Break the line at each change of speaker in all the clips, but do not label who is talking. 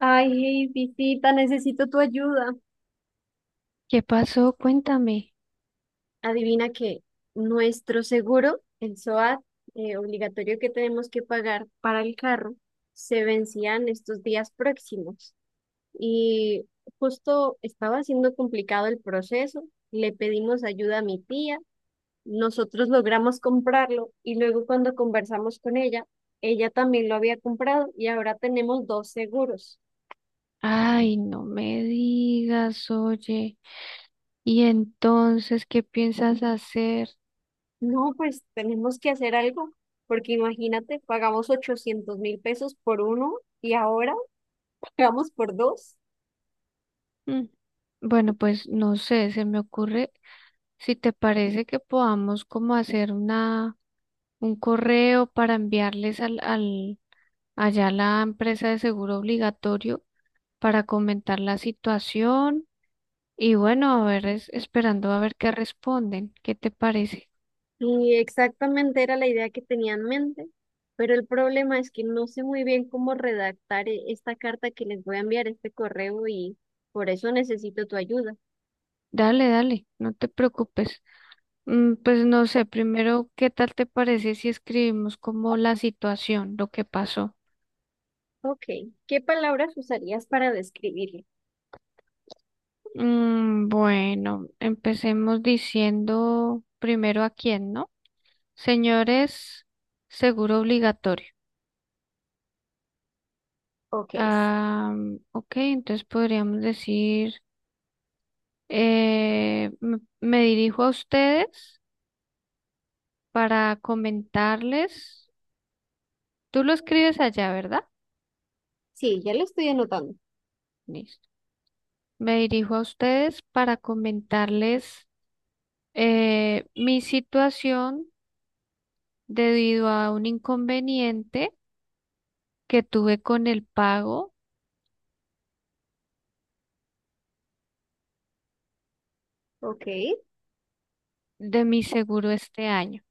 Ay, hey, visita, necesito tu ayuda.
¿Qué pasó? Cuéntame.
Adivina que nuestro seguro, el SOAT, obligatorio que tenemos que pagar para el carro, se vencía en estos días próximos. Y justo estaba siendo complicado el proceso, le pedimos ayuda a mi tía, nosotros logramos comprarlo y luego cuando conversamos con ella, ella también lo había comprado y ahora tenemos 2 seguros.
Ay, no me digas, oye. ¿Y entonces qué piensas hacer?
No, pues tenemos que hacer algo, porque imagínate, pagamos 800.000 pesos por uno y ahora pagamos por 2.
Mm, Bueno, pues no sé, se me ocurre si te parece que podamos como hacer una un correo para enviarles al, al allá a la empresa de seguro obligatorio para comentar la situación y bueno, a ver, esperando a ver qué responden. ¿Qué te parece?
Y exactamente era la idea que tenía en mente, pero el problema es que no sé muy bien cómo redactar esta carta que les voy a enviar, este correo, y por eso necesito tu ayuda.
Dale, dale, no te preocupes. Pues no sé, primero, ¿qué tal te parece si escribimos como la situación, lo que pasó?
Ok, ¿qué palabras usarías para describirlo?
Bueno, empecemos diciendo primero a quién, ¿no? Señores, seguro obligatorio.
Ok,
Ah, ok, entonces podríamos decir, me dirijo a ustedes para comentarles. Tú lo escribes allá, ¿verdad?
sí, ya lo estoy anotando.
Listo. Me dirijo a ustedes para comentarles mi situación debido a un inconveniente que tuve con el pago
Ok,
de mi seguro este año.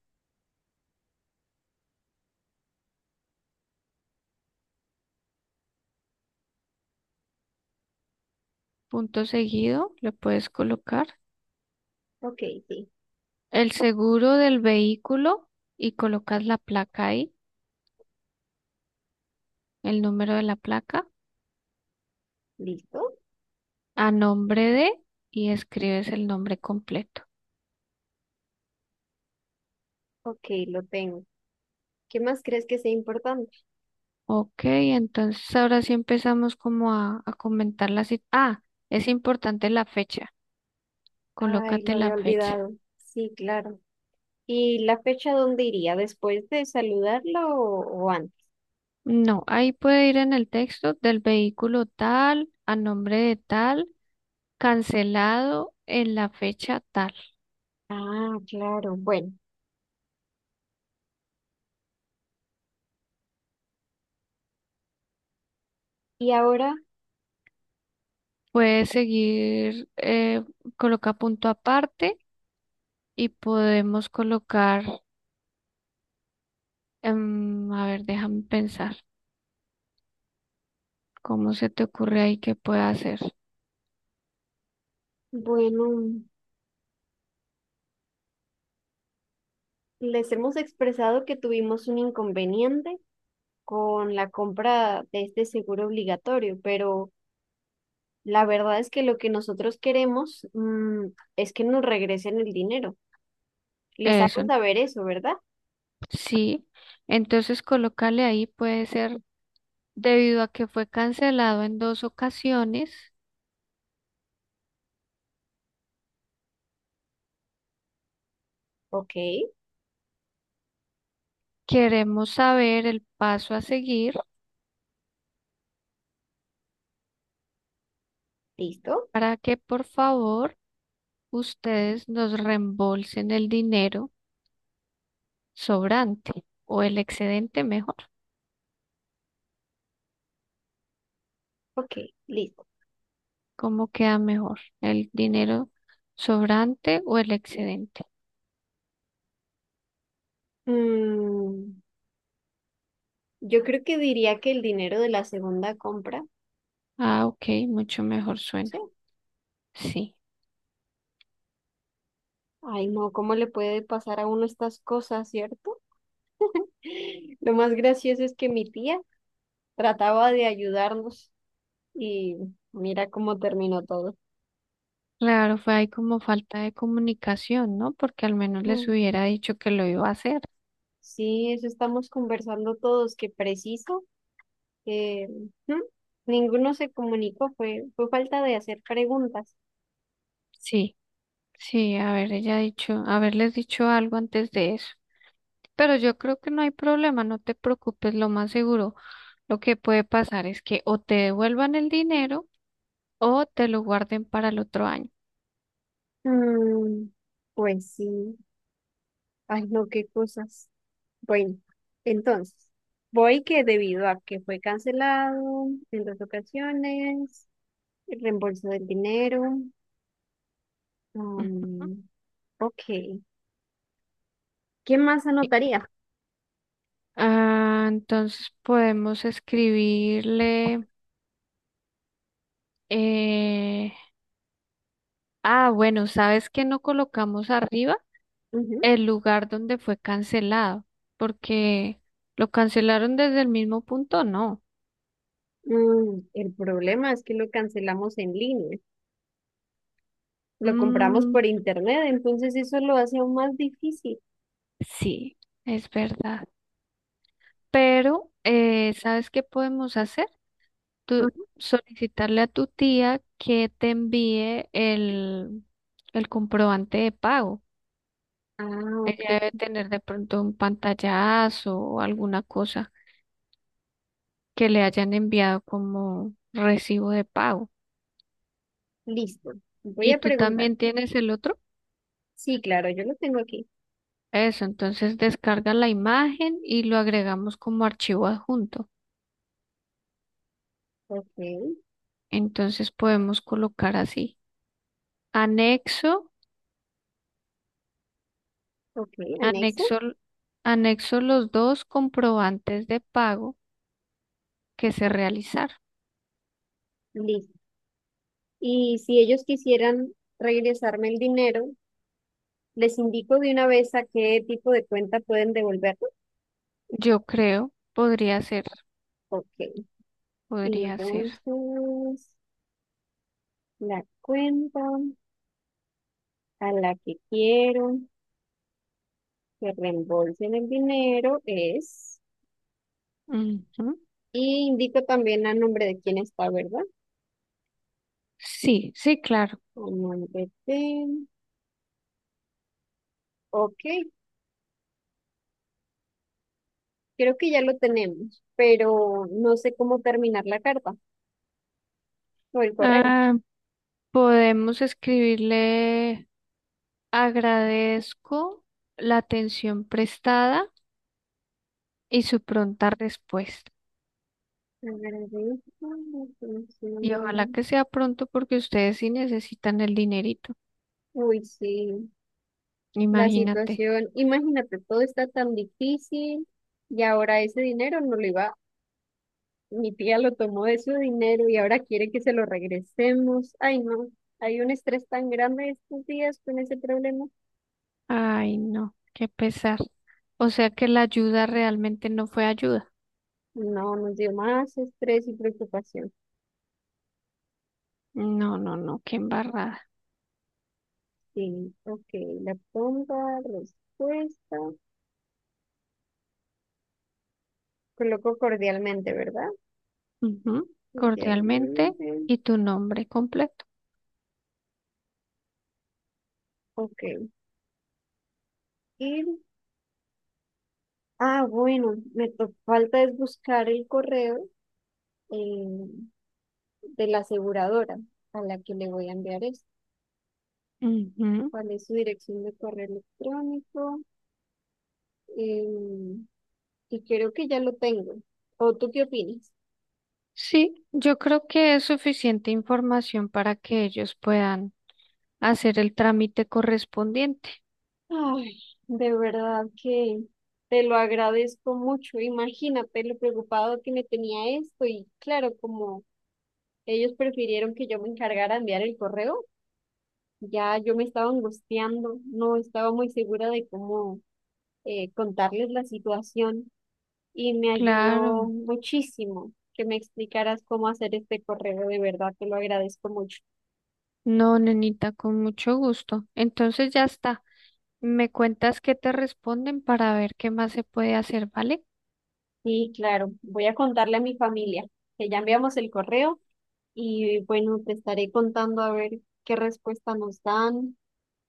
Punto seguido, le puedes colocar
ok, sí,
el seguro del vehículo y colocas la placa ahí, el número de la placa,
listo.
a nombre de y escribes el nombre completo.
Ok, lo tengo. ¿Qué más crees que sea importante?
Ok, entonces ahora sí empezamos como a comentar la cita. Ah, es importante la fecha.
Ay, lo
Colócate
había
la fecha.
olvidado. Sí, claro. ¿Y la fecha dónde iría? ¿Después de saludarla o, antes?
No, ahí puede ir en el texto del vehículo tal, a nombre de tal, cancelado en la fecha tal.
Ah, claro. Bueno, y ahora,
Puede seguir, coloca punto aparte y podemos colocar, a ver, déjame pensar, ¿cómo se te ocurre ahí que pueda hacer?
bueno, les hemos expresado que tuvimos un inconveniente con la compra de este seguro obligatorio, pero la verdad es que lo que nosotros queremos, es que nos regresen el dinero. Les
Eso,
hago saber eso, ¿verdad?
sí. Entonces, colócale ahí, puede ser, debido a que fue cancelado en dos ocasiones,
Ok,
queremos saber el paso a seguir
listo.
para que por favor ustedes nos reembolsen el dinero sobrante o el excedente mejor.
Ok, listo.
¿Cómo queda mejor? ¿El dinero sobrante o el excedente?
Mm, yo creo que diría que el dinero de la segunda compra,
Ah, ok, mucho mejor suena.
sí.
Sí.
Ay, no, ¿cómo le puede pasar a uno estas cosas, cierto? Lo más gracioso es que mi tía trataba de ayudarnos y mira cómo terminó todo.
Claro, fue ahí como falta de comunicación, ¿no? Porque al menos les
Mm.
hubiera dicho que lo iba a hacer.
Sí, eso estamos conversando todos, que preciso. eh, mm, Ninguno se comunicó, fue falta de hacer preguntas.
Sí, sí, haber ella dicho, haberles dicho algo antes de eso. Pero yo creo que no hay problema, no te preocupes, lo más seguro. Lo que puede pasar es que o te devuelvan el dinero o te lo guarden para el otro año.
Mm, pues sí, ay, no, qué cosas. Bueno, entonces, voy que debido a que fue cancelado en 2 ocasiones, el reembolso del dinero.
Ujú.
um, ok, ¿qué más anotaría?
Ah, entonces podemos escribirle. eh, Ah, bueno, ¿sabes que no colocamos arriba
Ujú.
el lugar donde fue cancelado? Porque lo cancelaron desde el mismo punto, no.
Mm, el problema es que lo cancelamos en línea, lo compramos por
Mm,
internet, entonces eso lo hace aún más difícil.
sí, es verdad. Pero, ¿sabes qué podemos hacer? Tú
Ujú.
solicitarle a tu tía que te envíe el comprobante de pago.
Ah,
Ella debe
ok,
tener de pronto un pantallazo o alguna cosa que le hayan enviado como recibo de pago.
listo. Voy
¿Y
a
tú
preguntar.
también tienes el otro?
Sí, claro, yo lo tengo aquí.
Eso, entonces descarga la imagen y lo agregamos como archivo adjunto.
Ok,
Entonces podemos colocar así. Anexo,
ok, anexo.
anexo, anexo los dos comprobantes de pago que se realizaron.
Listo. Y si ellos quisieran regresarme el dinero, les indico de una vez a qué tipo de cuenta pueden devolverlo.
Yo creo, podría ser,
Ok,
podría ser.
entonces la cuenta a la que quiero que reembolsen el dinero es,
Ujú.
y indico también a nombre de quién está, ¿verdad?
Sí, sí, claro.
A nombre de... Ok, creo que ya lo tenemos, pero no sé cómo terminar la carta o el correo.
Ah, podemos escribirle agradezco la atención prestada y su pronta respuesta.
Agradezco la
Y ojalá
atención.
que sea pronto porque ustedes sí necesitan el dinerito.
Uy, sí, la
Imagínate.
situación, imagínate, todo está tan difícil y ahora ese dinero no le va, mi tía lo tomó de su dinero y ahora quiere que se lo regresemos. Ay, no, hay un estrés tan grande estos días con ese problema.
Ay, no, qué pesar. O sea que la ayuda realmente no fue ayuda.
No, nos dio más estrés y preocupación.
No, no, no, qué embarrada.
Sí, ok, la pronta respuesta. Coloco cordialmente, ¿verdad?
Ujú. Cordialmente
Cordialmente.
y tu nombre completo.
Ok, ir. Ah, bueno, falta es buscar el correo eh, de la aseguradora a la que le voy a enviar esto.
Ujú.
¿Cuál es su dirección de correo electrónico? Em, y creo que ya lo tengo. ¿O tú qué opinas?
Sí, yo creo que es suficiente información para que ellos puedan hacer el trámite correspondiente.
Ay, de verdad que te lo agradezco mucho. Imagínate lo preocupado que me tenía esto y claro, como ellos prefirieron que yo me encargara de enviar el correo, ya yo me estaba angustiando, no estaba muy segura de cómo contarles la situación. Y me ayudó
Claro,
muchísimo que me explicaras cómo hacer este correo, de verdad te lo agradezco mucho.
no, nenita, con mucho gusto. Entonces ya está. Me cuentas qué te responden para ver qué más se puede hacer, ¿vale?
Sí, claro, voy a contarle a mi familia que ya enviamos el correo y bueno, te estaré contando a ver qué respuesta nos dan,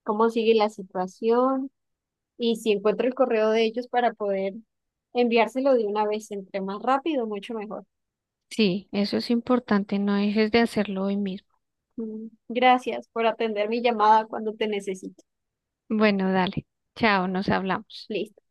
cómo sigue la situación y si encuentro el correo de ellos para poder enviárselo de una vez, entre más rápido, mucho mejor.
Sí, eso es importante. No dejes de hacerlo hoy mismo.
Mm, gracias por atender mi llamada cuando te necesito.
Bueno, dale. Chao, nos hablamos.
Listo.